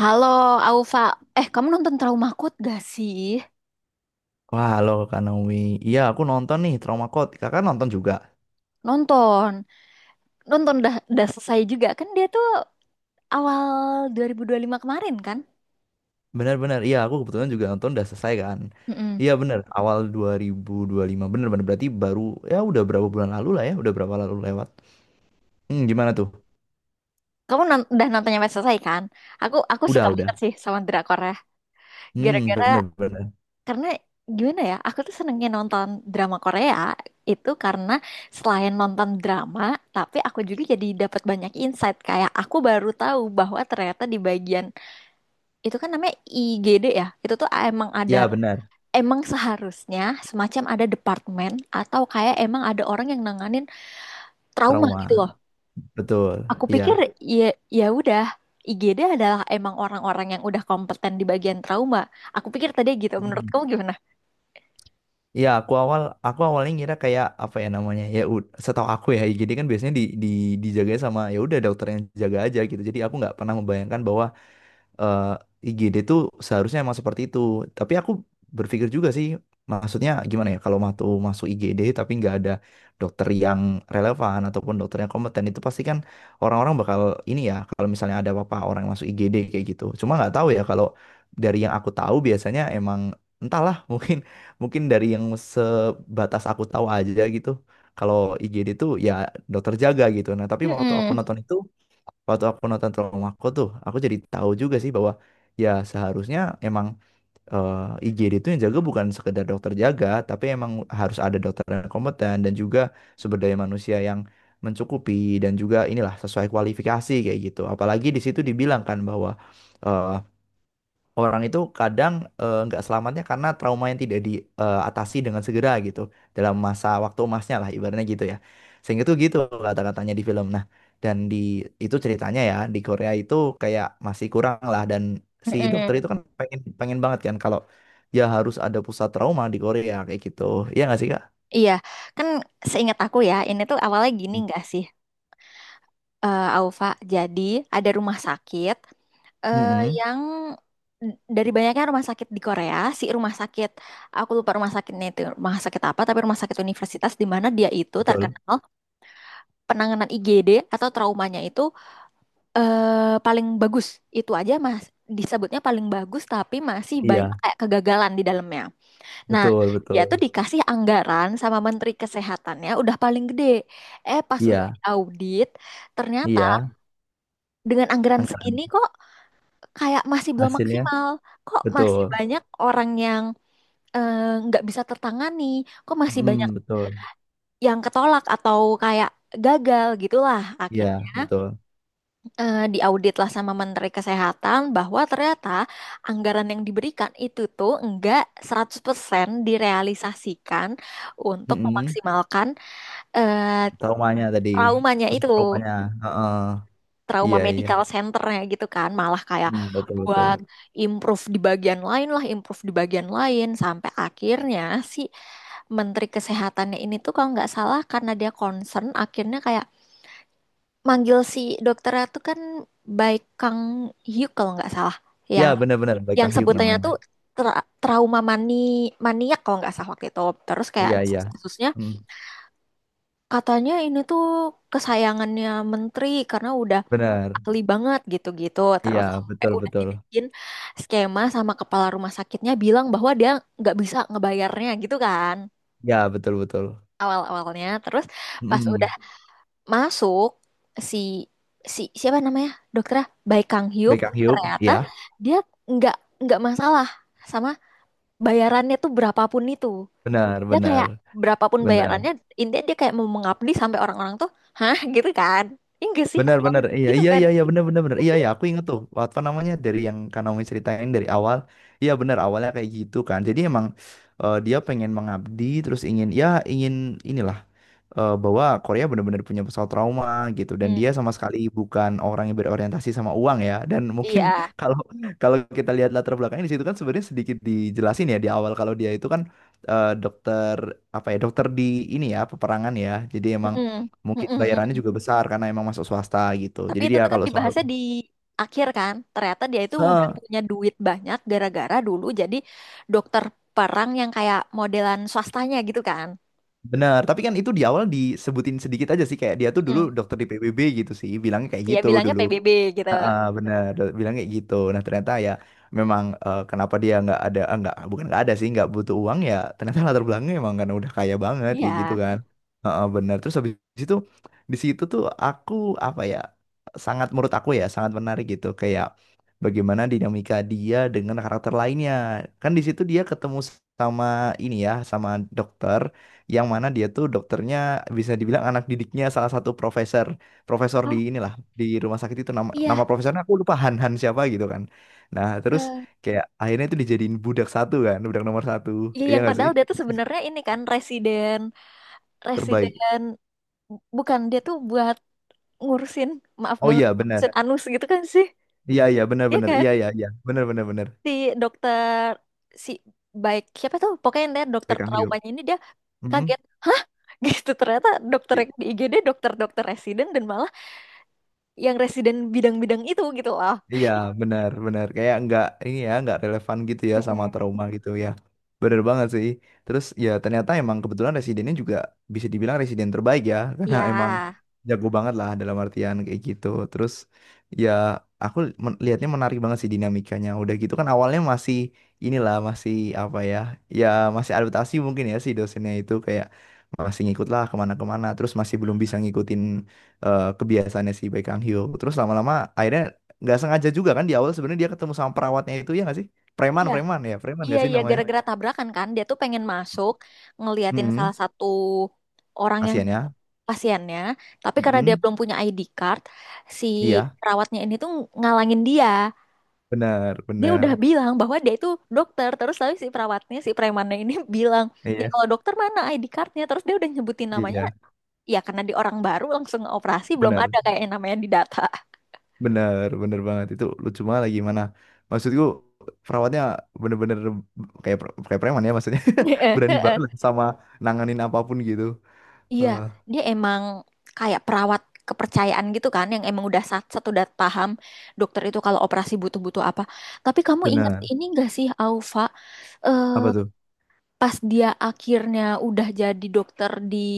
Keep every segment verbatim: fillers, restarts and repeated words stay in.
Halo, Aufa. Eh, kamu nonton Trauma Code gak sih? Wah, halo Kak Naomi. Iya, aku nonton nih Trauma Code. Kakak nonton juga. Nonton. Nonton dah, dah selesai juga. Kan dia tuh awal dua ribu dua puluh lima kemarin kan? Benar-benar. Iya, aku kebetulan juga nonton udah selesai kan. Mm-mm. Iya, benar. Awal dua ribu dua puluh lima. Benar-benar berarti baru ya udah berapa bulan lalu lah ya, udah berapa lalu lewat. Hmm, gimana tuh? Kamu non- udah nonton sampai selesai kan? Aku aku suka Udah, udah. banget sih sama drama Korea. Hmm, Gara-gara benar-benar. karena gimana ya? Aku tuh senengnya nonton drama Korea itu karena selain nonton drama, tapi aku juga jadi dapat banyak insight. Kayak aku baru tahu bahwa ternyata di bagian itu kan namanya I G D ya. Itu tuh emang ada, Iya, benar. emang seharusnya semacam ada departemen atau kayak emang ada orang yang nanganin trauma gitu loh. Trauma. Betul. Aku pikir Iya. ya, ya udah I G D adalah emang orang-orang yang udah kompeten di bagian trauma. Aku pikir tadi gitu. Menurut Hmm. kamu gimana? Iya, aku awal aku awalnya ngira kayak apa ya namanya? Ya ud- setahu aku ya, jadi kan biasanya di di dijaga sama ya udah dokter yang jaga aja gitu. Jadi aku nggak pernah membayangkan bahwa eh, I G D tuh seharusnya emang seperti itu. Tapi aku berpikir juga sih, maksudnya gimana ya, kalau mau masuk I G D tapi nggak ada dokter yang relevan ataupun dokter yang kompeten itu pasti kan orang-orang bakal ini ya, kalau misalnya ada apa-apa orang yang masuk I G D kayak gitu. Cuma nggak tahu ya kalau dari yang aku tahu biasanya emang entahlah mungkin mungkin dari yang sebatas aku tahu aja gitu. Kalau I G D tuh ya dokter jaga gitu. Nah, tapi waktu aku Mm-mm. nonton itu waktu aku nonton Traumaku tuh aku jadi tahu juga sih bahwa ya seharusnya emang eh, I G D itu yang jaga bukan sekedar dokter jaga tapi emang harus ada dokter yang kompeten dan juga sumber daya manusia yang mencukupi dan juga inilah sesuai kualifikasi kayak gitu apalagi di situ dibilang kan bahwa eh, orang itu kadang eh, nggak selamatnya karena trauma yang tidak diatasi dengan segera gitu dalam masa waktu emasnya lah ibaratnya gitu ya sehingga tuh gitu kata-katanya di film nah dan di itu ceritanya ya di Korea itu kayak masih kurang lah dan si dokter itu Mm-mm. kan pengen pengen banget kan kalau ya harus ada pusat trauma di Korea kayak gitu, iya nggak sih kak? Iya, kan seingat aku ya, ini tuh awalnya gini nggak sih, eh Aufa? Jadi ada rumah sakit, eh Mm-mm. yang dari banyaknya rumah sakit di Korea, si rumah sakit, aku lupa rumah sakitnya itu rumah sakit apa, tapi rumah sakit universitas di mana dia itu Betul. terkenal penanganan I G D atau traumanya itu eh, paling bagus. Itu aja mas, disebutnya paling bagus, tapi masih banyak Iya, kayak kegagalan di dalamnya. Nah, betul, dia tuh betul. dikasih anggaran sama Menteri Kesehatannya udah paling gede. Eh, pas udah Iya, diaudit, ternyata iya, dengan anggaran segini anggarannya. kok kayak masih belum Hasilnya maksimal. Kok masih betul. banyak orang yang eh, nggak bisa tertangani? Kok masih banyak Mm, betul. yang ketolak atau kayak gagal gitulah Iya, akhirnya betul. eh, diaudit lah sama Menteri Kesehatan bahwa ternyata anggaran yang diberikan itu tuh enggak seratus persen direalisasikan untuk Mm-mm. memaksimalkan eh, Traumanya tadi, traumanya pusat itu. traumanya. Heeh, Trauma iya iya. medical centernya gitu kan malah kayak Hmm, betul betul, buat improve di bagian lain lah, improve di bagian lain sampai akhirnya si menteri kesehatannya ini tuh kalau nggak salah karena dia concern akhirnya kayak manggil si dokternya tuh kan, Baik Kang Hyuk kalau nggak salah, ya yang benar-benar Baik yang Kang Hyuk sebutannya namanya. tuh tra- trauma mani maniak kalau nggak salah waktu itu. Terus kayak Iya iya. kasusnya Hmm, katanya ini tuh kesayangannya menteri karena udah benar, ahli banget gitu-gitu. Terus iya sampai betul udah betul, dibikin skema sama kepala rumah sakitnya bilang bahwa dia nggak bisa ngebayarnya gitu kan ya betul betul. awal-awalnya. Terus pas udah Hmm. masuk si si siapa namanya, dokternya Bae Kang Hyuk, Baik Kang Hyuk, ternyata iya dia nggak nggak masalah sama bayarannya tuh berapapun itu. benar Dia benar kayak berapapun benar bayarannya intinya dia kayak mau mengabdi sampai orang-orang tuh hah gitu kan. Iya nggak sih? benar Awal- benar iya Gitu iya kan. iya iya benar benar benar iya iya, aku ingat tuh apa namanya dari yang Kanomi ceritain dari awal. Iya benar awalnya kayak gitu kan, jadi emang eh, dia pengen mengabdi terus ingin ya ingin inilah eh, bahwa Korea benar-benar punya pesawat trauma gitu, dan Hmm, dia sama sekali bukan orang yang berorientasi sama uang ya, dan mungkin iya. kalau kalau kita lihat latar belakangnya di situ kan sebenarnya sedikit dijelasin ya di awal kalau dia itu kan eh, dokter apa ya dokter di ini ya peperangan ya, jadi emang Mm-mm. mungkin Mm-mm, bayarannya mm-mm. juga besar karena emang masuk swasta gitu, Tapi jadi itu dia tuh kan kalau soal. dibahasnya di akhir kan. Ternyata dia itu udah Heeh, punya duit banyak gara-gara dulu jadi dokter perang yang kayak modelan swastanya gitu kan. benar tapi kan itu di awal disebutin sedikit aja sih kayak dia tuh dulu Mm. dokter di P B B gitu sih bilangnya kayak Dia gitu bilangnya dulu. P B B gitu. Heeh, bener do- bilang kayak gitu, nah ternyata ya memang eh, kenapa dia nggak ada, ah, nggak bukan nggak ada sih nggak butuh uang ya, ternyata latar belakangnya emang kan udah kaya banget Iya. kayak gitu kan. Heeh, bener terus habis itu di situ tuh aku apa ya, sangat menurut aku ya sangat menarik gitu kayak bagaimana dinamika dia dengan karakter lainnya kan di situ dia ketemu sama ini ya sama dokter yang mana dia tuh dokternya bisa dibilang anak didiknya salah satu profesor, profesor di Oh, inilah di rumah sakit itu, nama nama iya. profesornya aku lupa, Han Han siapa gitu kan, nah terus Eh, kayak akhirnya itu dijadiin budak satu kan, budak nomor satu Iya, iya yang nggak sih, padahal dia tuh sebenarnya ini kan residen, terbaik. residen bukan dia tuh buat ngurusin, maaf Oh banget, iya benar ngurusin anus gitu kan sih. iya iya benar Iya benar kan iya iya iya benar benar benar. si dokter, si baik siapa tuh, pokoknya dia dokter Beckham Hugh. traumanya ini dia Mhm. kaget hah gitu, ternyata dokter yang di I G D dokter-dokter residen dan malah yang residen bidang-bidang itu gitu loh. Iya, benar, benar. Kayak nggak ini ya, nggak relevan gitu ya sama Mm-mm. trauma gitu ya. Bener banget sih. Terus ya ternyata emang kebetulan residennya juga bisa dibilang residen terbaik ya, karena emang Ya, jago banget lah dalam artian kayak gitu. Terus ya aku men- lihatnya menarik banget sih dinamikanya. Udah gitu kan awalnya masih inilah masih apa ya, ya masih adaptasi mungkin ya si dosennya itu kayak masih ngikut lah kemana-kemana. Terus masih belum bisa ngikutin eh, kebiasaannya si Baek Kang Hyo. Terus lama-lama akhirnya nggak sengaja juga kan di awal sebenarnya dia ketemu sama perawatnya itu ya nggak sih, preman iya preman ya preman iya nggak sih iya, namanya. gara-gara tabrakan kan dia tuh pengen masuk ngeliatin salah Mm. satu orang yang Kasihan ya. pasiennya, tapi karena dia Mm-mm. belum punya I D card si Iya perawatnya ini tuh ngalangin dia. benar Dia benar, udah bilang bahwa dia itu dokter, terus lalu si perawatnya, si premannya ini bilang, ya iya kalau dokter mana I D cardnya, terus dia udah nyebutin namanya. iya Iya, karena di orang baru langsung operasi belum benar ada kayak yang namanya di data. benar benar banget, itu lucu banget lagi, mana maksudku perawatnya bener-bener kayak pre- kayak preman ya maksudnya. Berani banget lah sama nanganin apapun gitu. Iya, Eh, dia emang kayak perawat kepercayaan gitu kan, yang emang udah sat-sat udah paham dokter itu kalau operasi butuh-butuh apa. Tapi kamu ingat benar, ini gak sih, Aufa? apa tuh, Eh, Pas dia akhirnya udah jadi dokter di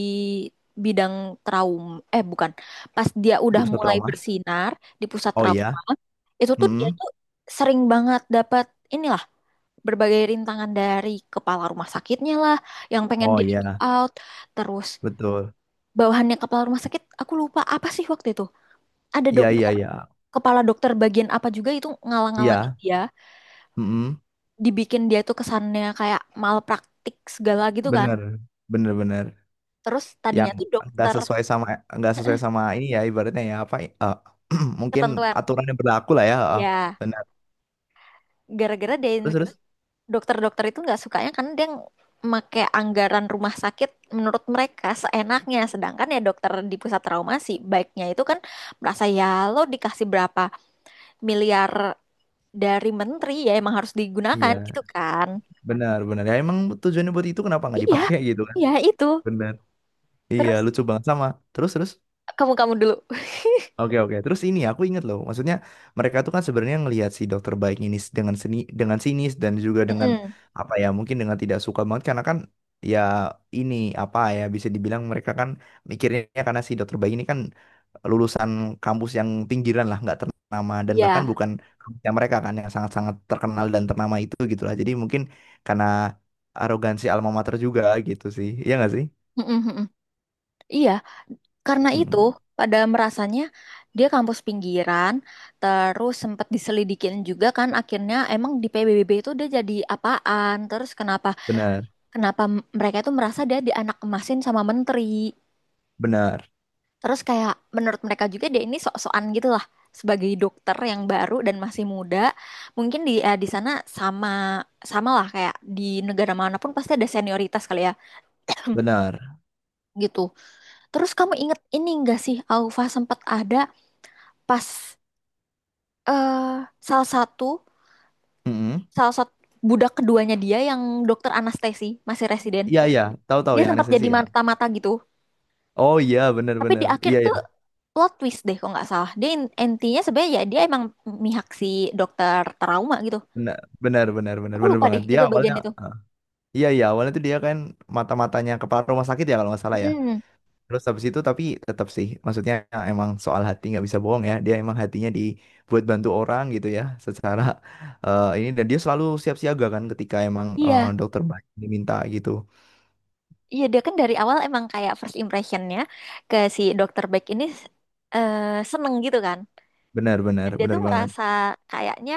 bidang trauma, eh bukan, pas dia di udah pusat mulai trauma. bersinar di pusat Oh iya. trauma, itu tuh dia Mm-mm. tuh sering banget dapat ini berbagai rintangan dari kepala rumah sakitnya lah yang pengen Oh di iya itu out, terus betul, bawahannya kepala rumah sakit, aku lupa apa sih waktu itu, ada iya iya dokter iya kepala dokter bagian apa juga itu ngalang-ngalangin iya. dia, Mm-mm. dibikin dia tuh kesannya kayak malpraktik segala gitu kan. Bener, bener, bener. Terus Yang tadinya tuh nggak dokter sesuai sama, nggak sesuai sama ini ya ibaratnya ya apa eh, mungkin ketentuan, aturan yang berlaku lah ya, eh, ya benar. gara-gara dia, Terus terus dokter-dokter itu nggak sukanya karena dia pakai anggaran rumah sakit menurut mereka seenaknya. Sedangkan ya dokter di pusat trauma sih baiknya itu kan merasa, ya lo dikasih berapa miliar dari menteri ya emang harus digunakan iya gitu kan. benar benar ya emang tujuannya buat itu, kenapa nggak Iya, dipakai gitu kan, iya itu. benar, iya Terus lucu banget sama, terus terus. kamu kamu dulu. Oke oke. Terus ini aku ingat loh, maksudnya mereka tuh kan sebenarnya ngelihat si dokter baik ini s- dengan seni dengan sinis dan juga dengan Mm-mm. apa ya mungkin dengan tidak suka banget, karena kan ya ini apa ya bisa dibilang mereka kan mikirnya karena si dokter baik ini kan lulusan kampus yang pinggiran lah nggak ternama dan bahkan Iya. bukan kampusnya mereka kan yang sangat-sangat terkenal dan ternama itu gitu lah. Jadi mungkin karena arogansi alma mater juga gitu sih. Iya nggak sih? Mm mm-mm. Iya, karena itu Mm. pada merasanya dia kampus pinggiran, terus sempat diselidikin juga kan akhirnya emang di P B B itu dia jadi apaan, terus kenapa, Benar, kenapa m- mereka itu merasa dia di anak emasin sama menteri. benar, Terus kayak menurut mereka juga dia ini sok-sokan gitu lah sebagai dokter yang baru dan masih muda. Mungkin di eh, di sana sama sama lah kayak di negara manapun pasti ada senioritas kali ya benar. gitu. Terus kamu inget ini enggak sih Aufa, sempat ada pas eh salah satu Mm-mm. salah satu budak keduanya dia yang dokter anestesi masih residen, Iya iya, tahu-tahu dia yang sempat anestesi jadi ya. mata-mata gitu Oh iya, tapi di benar-benar. akhir Iya iya, tuh plot twist deh kalau nggak salah dia, in- intinya sebenarnya ya dia emang mihak si dokter trauma gitu, benar benar benar benar aku benar lupa deh banget. Dia itu bagian awalnya, itu. ah, Iya iya, awalnya tuh dia kan mata-matanya kepala rumah sakit ya kalau nggak salah ya. Mm, Terus habis itu tapi tetap sih, maksudnya ya, emang soal hati nggak bisa bohong ya. Dia emang hatinya dibuat bantu orang gitu ya, secara eh, ini, dan dia selalu siap siaga kan ketika emang eh, iya dokter banyak diminta gitu. iya dia kan dari awal emang kayak first impressionnya ke si dokter Beck ini eh, seneng gitu kan, Benar dan benar dia tuh benar banget. merasa kayaknya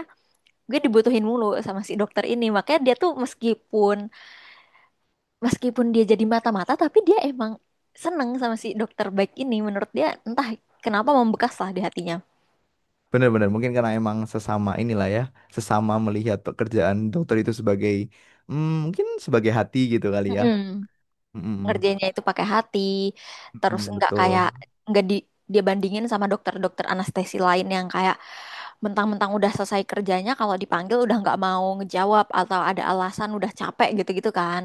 gue dibutuhin mulu sama si dokter ini makanya dia tuh meskipun meskipun dia jadi mata-mata tapi dia emang seneng sama si dokter baik ini menurut dia entah kenapa membekas lah di hatinya. Benar-benar mungkin karena emang sesama inilah ya, sesama melihat pekerjaan dokter itu sebagai mm, mungkin sebagai hati gitu kali ya. Mm-mm. Mm-mm. Ngerjainnya itu pakai hati terus Mm-mm, nggak kayak, betul. nggak di, dia bandingin sama dokter-dokter anestesi lain yang kayak mentang-mentang udah selesai kerjanya kalau dipanggil udah nggak mau ngejawab atau ada alasan udah capek gitu-gitu kan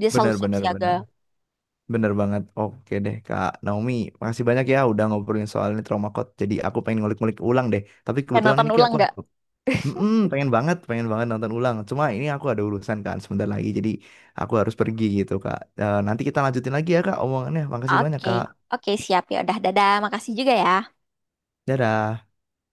dia selalu siap Benar-benar siaga. benar. Benar benar. Benar banget. Oke deh Kak Naomi, makasih banyak ya udah ngobrolin soal ini trauma code. Jadi aku pengen ngulik-ngulik ulang deh. Tapi Eh, kebetulan ini nonton Ki, ulang aku. nggak? Mm-mm, pengen banget, pengen banget nonton ulang. Cuma ini aku ada urusan kan sebentar lagi. Jadi aku harus pergi gitu Kak. Eh, nanti kita lanjutin lagi ya Kak omongannya. Makasih banyak Oke, Kak. oke, siap, ya udah, dadah, makasih juga ya. Dadah.